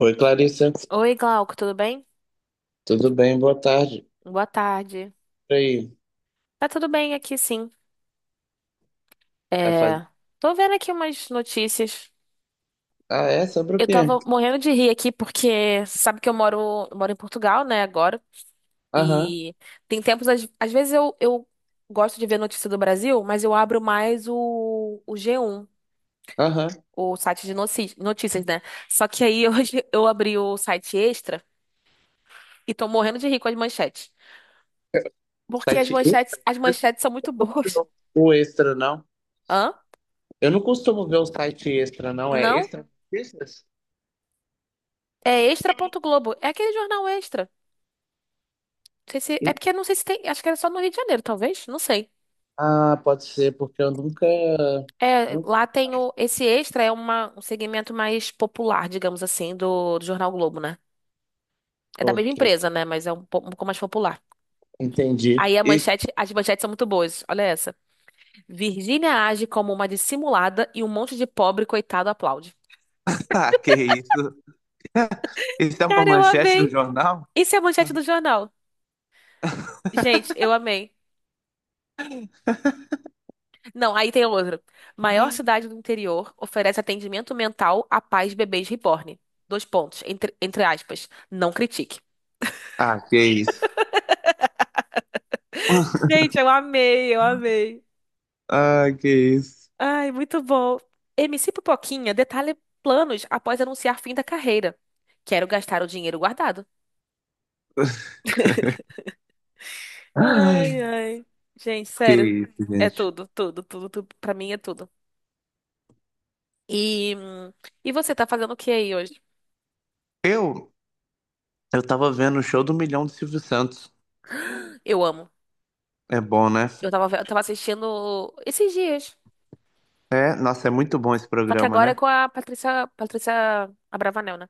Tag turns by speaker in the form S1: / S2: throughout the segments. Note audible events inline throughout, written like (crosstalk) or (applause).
S1: Oi, Clarissa.
S2: Oi, Glauco, tudo bem?
S1: Tudo bem? Boa tarde.
S2: Boa tarde.
S1: E aí?
S2: Tá tudo bem aqui, sim.
S1: Tá faz...
S2: É, tô vendo aqui umas notícias.
S1: Ah, é? Sobre o
S2: Eu
S1: quê?
S2: tava morrendo de rir aqui porque sabe que eu moro em Portugal, né, agora.
S1: Aham,
S2: E tem tempos, às vezes eu gosto de ver notícia do Brasil, mas eu abro mais o g um,
S1: aham.
S2: o site de notícias, né? Só que aí (laughs) hoje eu abri o site Extra e tô morrendo de rir com as manchetes. Porque as
S1: Site
S2: manchetes,
S1: extra?
S2: as
S1: Você
S2: manchetes são muito
S1: não costuma
S2: boas.
S1: ver o extra, não?
S2: Hã?
S1: Eu não costumo ver o site extra, não. É
S2: Não?
S1: extra notícias?
S2: É extra.globo. É aquele jornal Extra. Não sei se, é porque não sei se tem. Acho que era só no Rio de Janeiro, talvez. Não sei.
S1: Ah, pode ser, porque eu nunca...
S2: É,
S1: Nunca...
S2: lá tem o. Esse Extra é um segmento mais popular, digamos assim, do Jornal Globo, né? É da
S1: Ok,
S2: mesma empresa, né? Mas é um, um pouco mais popular.
S1: entendi.
S2: Aí a
S1: E... (laughs)
S2: manchete, as manchetes são muito boas. Olha essa. Virgínia age como uma dissimulada e um monte de pobre coitado aplaude.
S1: Ah, que isso? (laughs) Isso é uma
S2: Cara, eu
S1: manchete do
S2: amei.
S1: jornal?
S2: Isso é a manchete do jornal. Gente, eu amei. Não, aí tem outra. Maior cidade do interior oferece atendimento mental a pais de bebês reborn. Dois pontos, entre aspas. Não critique.
S1: Ah, que isso. (laughs)
S2: Gente, eu amei, eu amei.
S1: Ah, que isso.
S2: Ai, muito bom. MC Pipoquinha detalha planos após anunciar fim da carreira. Quero gastar o dinheiro guardado.
S1: Ai,
S2: Ai, ai. Gente,
S1: que
S2: sério.
S1: isso,
S2: É
S1: gente.
S2: tudo, tudo, tudo, tudo. Pra mim é tudo. E, hum, e você tá fazendo o que aí hoje?
S1: Eu, Eu tava vendo o show do Milhão do Silvio Santos.
S2: Eu amo.
S1: É bom, né?
S2: Eu tava assistindo esses dias.
S1: É, nossa, é muito bom esse
S2: Só que
S1: programa,
S2: agora é
S1: né?
S2: com a Patrícia, Patrícia Abravanel, né?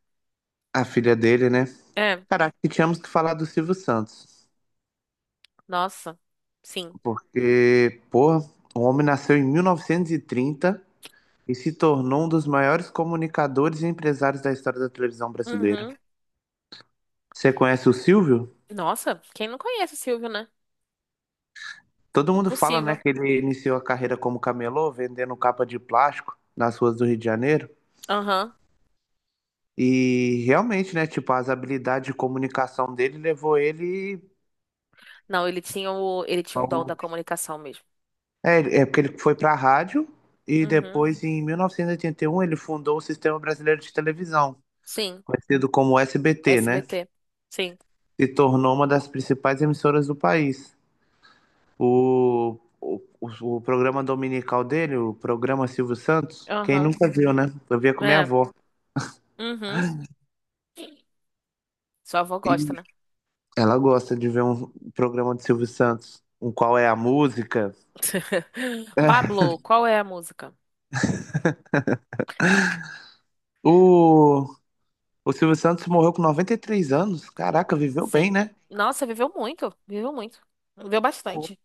S1: A filha dele, né?
S2: É,
S1: Caraca, e tínhamos que falar do Silvio Santos.
S2: nossa, sim.
S1: Porque, pô, o homem nasceu em 1930 e trinta e se tornou um dos maiores comunicadores e empresários da história da televisão brasileira.
S2: Uhum.
S1: Você conhece o Silvio?
S2: Nossa, quem não conhece o Silvio, né?
S1: Todo mundo fala, né,
S2: Impossível.
S1: que ele iniciou a carreira como camelô, vendendo capa de plástico nas ruas do Rio de Janeiro.
S2: Aham.
S1: E realmente, né? Tipo, as habilidades de comunicação dele levou ele
S2: Não, ele tinha o dom
S1: ao...
S2: da comunicação mesmo.
S1: É porque ele foi pra rádio e
S2: Uhum.
S1: depois, em 1981, ele fundou o Sistema Brasileiro de Televisão,
S2: Sim,
S1: conhecido como SBT, né?
S2: SBT. Sim.
S1: Se tornou uma das principais emissoras do país. O programa dominical dele, o programa Silvio Santos, quem
S2: Aham.
S1: nunca viu, né? Eu via com minha
S2: É.
S1: avó.
S2: Uhum. Sua avó gosta,
S1: E
S2: né?
S1: ela gosta de ver um programa de Silvio Santos, um Qual é a Música.
S2: (laughs)
S1: (laughs)
S2: Pablo, qual é a música?
S1: O, O Silvio Santos morreu com 93 anos. Caraca, viveu bem,
S2: Sim.
S1: né?
S2: Nossa, viveu muito, viveu muito. Viveu bastante.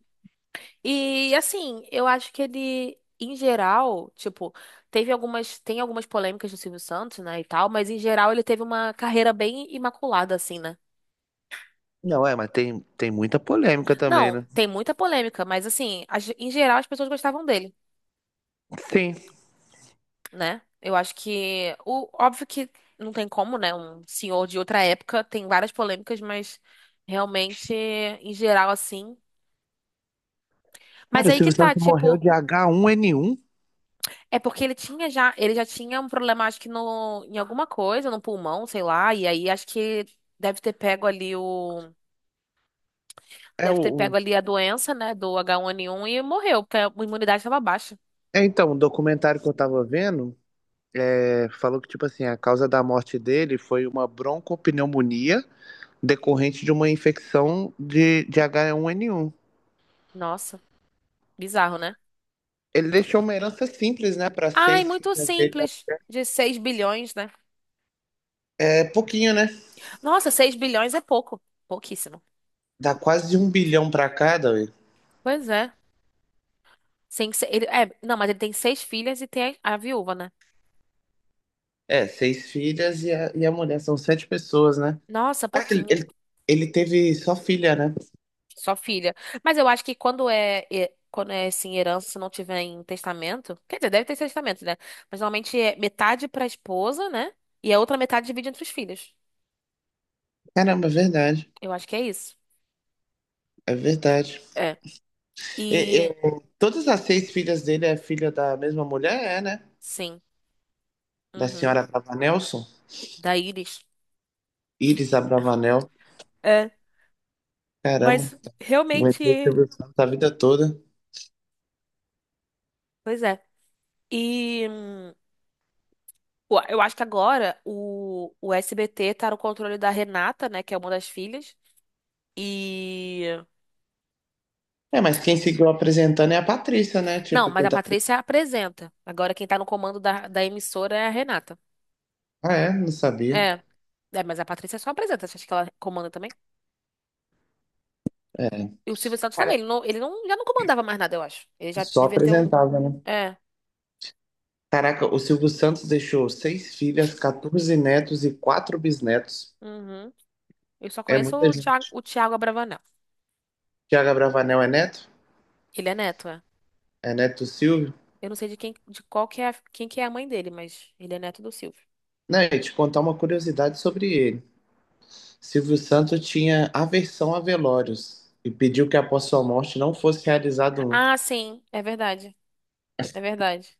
S2: E assim, eu acho que ele, em geral, tipo, tem algumas polêmicas do Silvio Santos, né, e tal, mas em geral ele teve uma carreira bem imaculada, assim, né?
S1: Não, é, mas tem muita polêmica também,
S2: Não,
S1: né?
S2: tem muita polêmica, mas assim, em geral as pessoas gostavam dele,
S1: Sim.
S2: né? Eu acho que, o, óbvio que não tem como, né? Um senhor de outra época tem várias polêmicas, mas realmente, em geral, assim. Mas
S1: Cara, o
S2: aí que
S1: Silvio
S2: tá,
S1: Santos morreu
S2: tipo.
S1: de H1N1.
S2: É porque ele tinha já, ele já tinha um problema, acho que no, em alguma coisa, no pulmão, sei lá, e aí acho que deve ter pego ali o,
S1: É o.
S2: deve ter pego
S1: o-
S2: ali a doença, né, do H1N1 e morreu, porque a imunidade estava baixa.
S1: É, então, o documentário que eu tava vendo é, falou que, tipo assim, a causa da morte dele foi uma broncopneumonia decorrente de uma infecção de H1N1.
S2: Nossa, bizarro, né?
S1: Ele deixou uma herança simples, né, para
S2: Ai,
S1: seis
S2: muito
S1: filhas dele.
S2: simples, de 6 bilhões, né?
S1: É pouquinho, né?
S2: Nossa, 6 bilhões é pouco, pouquíssimo.
S1: Dá quase um bilhão pra cada.
S2: Pois é. Sim, ele, é, não, mas ele tem seis filhas e tem a viúva, né?
S1: É, seis filhas e a mulher, são sete pessoas, né?
S2: Nossa,
S1: Ah, ele,
S2: pouquinho.
S1: ele, ele teve só filha, né?
S2: Só filha. Mas eu acho que quando é assim, herança, se não tiver em testamento, quer dizer, deve ter testamento, né? Mas normalmente é metade pra esposa, né? E a outra metade divide entre os filhos.
S1: Caramba, é verdade.
S2: Eu acho que é isso.
S1: É verdade.
S2: É.
S1: E-
S2: E
S1: e- todas as seis filhas dele é filha da mesma mulher, é, né?
S2: sim.
S1: Da
S2: Uhum.
S1: senhora Abravanelson,
S2: Da Iris.
S1: Iris Abravanel.
S2: É.
S1: Caramba,
S2: Mas
S1: aguentou o
S2: realmente.
S1: Silvio Santos a vida toda.
S2: Pois é. E ué, eu acho que agora o SBT tá no controle da Renata, né? Que é uma das filhas. E.
S1: É, mas quem seguiu apresentando é a Patrícia, né?
S2: Não,
S1: Tipo,
S2: mas a
S1: tentar...
S2: Patrícia apresenta. Agora quem tá no comando da emissora é a Renata.
S1: Ah, é? Não sabia.
S2: É, é, mas a Patrícia só apresenta. Você acha que ela comanda também? E o Silvio Santos também.
S1: Cara,
S2: Ele não, já não comandava mais nada, eu acho. Ele já
S1: só
S2: devia ter um.
S1: apresentava, né?
S2: É.
S1: Caraca, o Silvio Santos deixou seis filhas, 14 netos e quatro bisnetos.
S2: Uhum. Eu só
S1: É
S2: conheço
S1: muita gente.
S2: o Thiago Abravanel.
S1: Tiago Bravanel é neto?
S2: Ele é neto, é.
S1: É neto do Silvio?
S2: Eu não sei de quem, de qual que é, quem que é a mãe dele, mas ele é neto do Silvio.
S1: Não, e te contar uma curiosidade sobre ele. Silvio Santos tinha aversão a velórios e pediu que após sua morte não fosse realizado um.
S2: Ah, sim, é verdade. É verdade.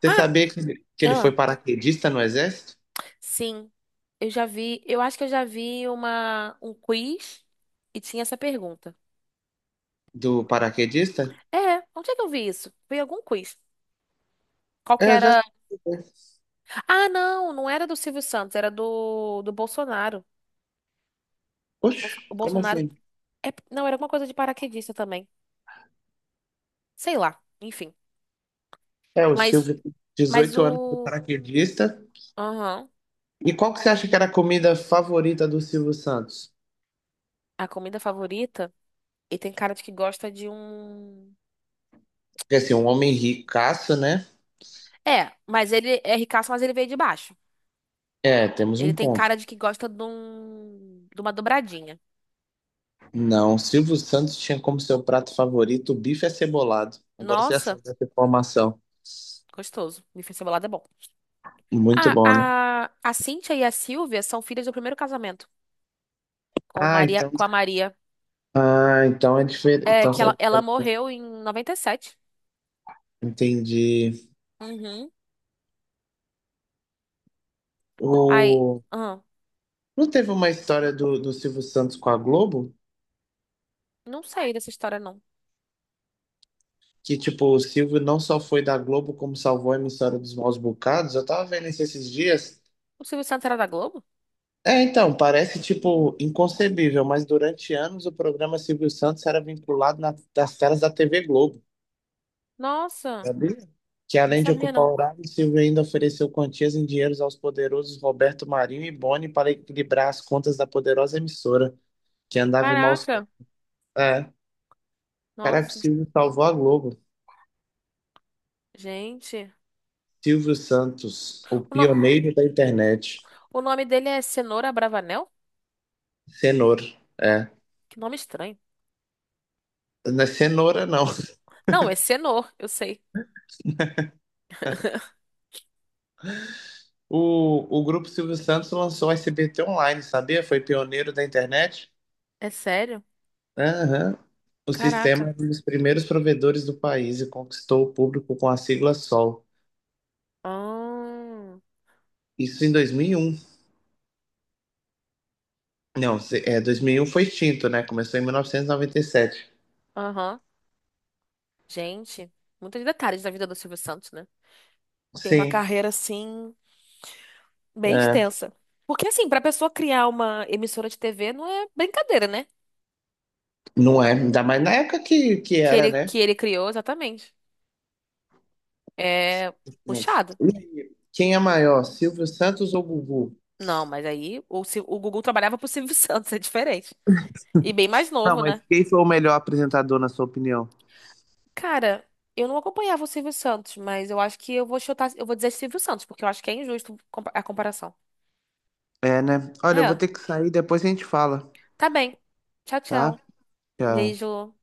S1: Você
S2: Ah,
S1: sabia que ele foi
S2: ah,
S1: paraquedista no exército?
S2: sim. Eu já vi, eu acho que eu já vi um quiz e tinha essa pergunta.
S1: Do paraquedista?
S2: É, onde é que eu vi isso? Foi em algum quiz. Qual que
S1: É, já.
S2: era? Ah, não, não era do Silvio Santos, era do Bolsonaro. O
S1: Oxe, como
S2: Bolsonaro.
S1: assim?
S2: Não, era alguma coisa de paraquedista também. Sei lá, enfim.
S1: É, o
S2: Mas,
S1: Silvio,
S2: mas
S1: 18 anos, foi
S2: o.
S1: paraquedista.
S2: Aham.
S1: E qual que você acha que era a comida favorita do Silvio Santos?
S2: A comida favorita. Ele tem cara de que gosta de um.
S1: Porque assim, um homem ricaço, né?
S2: É, mas ele é ricaço, mas ele veio de baixo.
S1: É, temos
S2: Ele
S1: um
S2: tem
S1: ponto.
S2: cara de que gosta de um. De uma dobradinha.
S1: Não, Silvio Santos tinha como seu prato favorito o bife acebolado. Agora você já
S2: Nossa,
S1: sabe dessa informação.
S2: gostoso. Bife cebolado é bom.
S1: Muito
S2: Ah,
S1: bom, né?
S2: a Cíntia e a Silvia são filhas do primeiro casamento com
S1: Ah,
S2: Maria,
S1: então.
S2: com a Maria.
S1: Ah, então é diferente.
S2: É
S1: Então,
S2: que ela morreu em 97.
S1: entendi.
S2: Uhum. Ai,
S1: O...
S2: ah,
S1: Não teve uma história do Silvio Santos com a Globo?
S2: não sei dessa história, não.
S1: Que, tipo, o Silvio não só foi da Globo, como salvou a emissora dos maus bocados. Eu tava vendo isso esses dias.
S2: O Silvio Santos era da Globo?
S1: É, então, parece, tipo, inconcebível, mas durante anos o programa Silvio Santos era vinculado nas telas da TV Globo.
S2: Nossa,
S1: Sabia? Que
S2: não
S1: além de
S2: sabia,
S1: ocupar o
S2: não.
S1: horário, Silvio ainda ofereceu quantias em dinheiros aos poderosos Roberto Marinho e Boni para equilibrar as contas da poderosa emissora, que andava em maus...
S2: Caraca,
S1: É, caraca, o
S2: nossa,
S1: Silvio salvou a Globo.
S2: gente.
S1: Silvio Santos, o
S2: O,
S1: pioneiro da internet.
S2: o nome dele é Cenoura Bravanel?
S1: Cenoura, é.
S2: Que nome estranho.
S1: Não é cenoura, não. (laughs)
S2: Não, é Cenor, eu sei. (laughs)
S1: O grupo Silvio Santos lançou o SBT Online, sabia? Foi pioneiro da internet.
S2: É sério?
S1: Aham. O sistema
S2: Caraca.
S1: é um dos primeiros provedores do país e conquistou o público com a sigla SOL.
S2: Ah,
S1: Isso em 2001? Não, é, 2001 foi extinto, né? Começou em mil novecentos e noventa e sete.
S2: aham. Gente, muitos detalhes da vida do Silvio Santos, né? Tem uma
S1: Sim,
S2: carreira assim bem
S1: é,
S2: extensa. Porque assim, pra pessoa criar uma emissora de TV não é brincadeira, né?
S1: não é. Ainda mais na época que
S2: Que
S1: era,
S2: ele,
S1: né?
S2: que ele criou, exatamente. É puxado.
S1: E aí, quem é maior, Silvio Santos ou Gugu?
S2: Não, mas aí o, o Gugu trabalhava pro Silvio (laughs) Santos, é diferente. E bem mais
S1: Não,
S2: novo,
S1: mas
S2: né?
S1: quem foi o melhor apresentador, na sua opinião?
S2: Cara, eu não acompanhava o Silvio Santos, mas eu acho que eu vou chutar, eu vou dizer Silvio Santos, porque eu acho que é injusto a comparação.
S1: É, né? Olha, eu vou
S2: É,
S1: ter que sair, depois a gente fala,
S2: tá bem. Tchau,
S1: tá?
S2: tchau.
S1: Tchau.
S2: Beijo.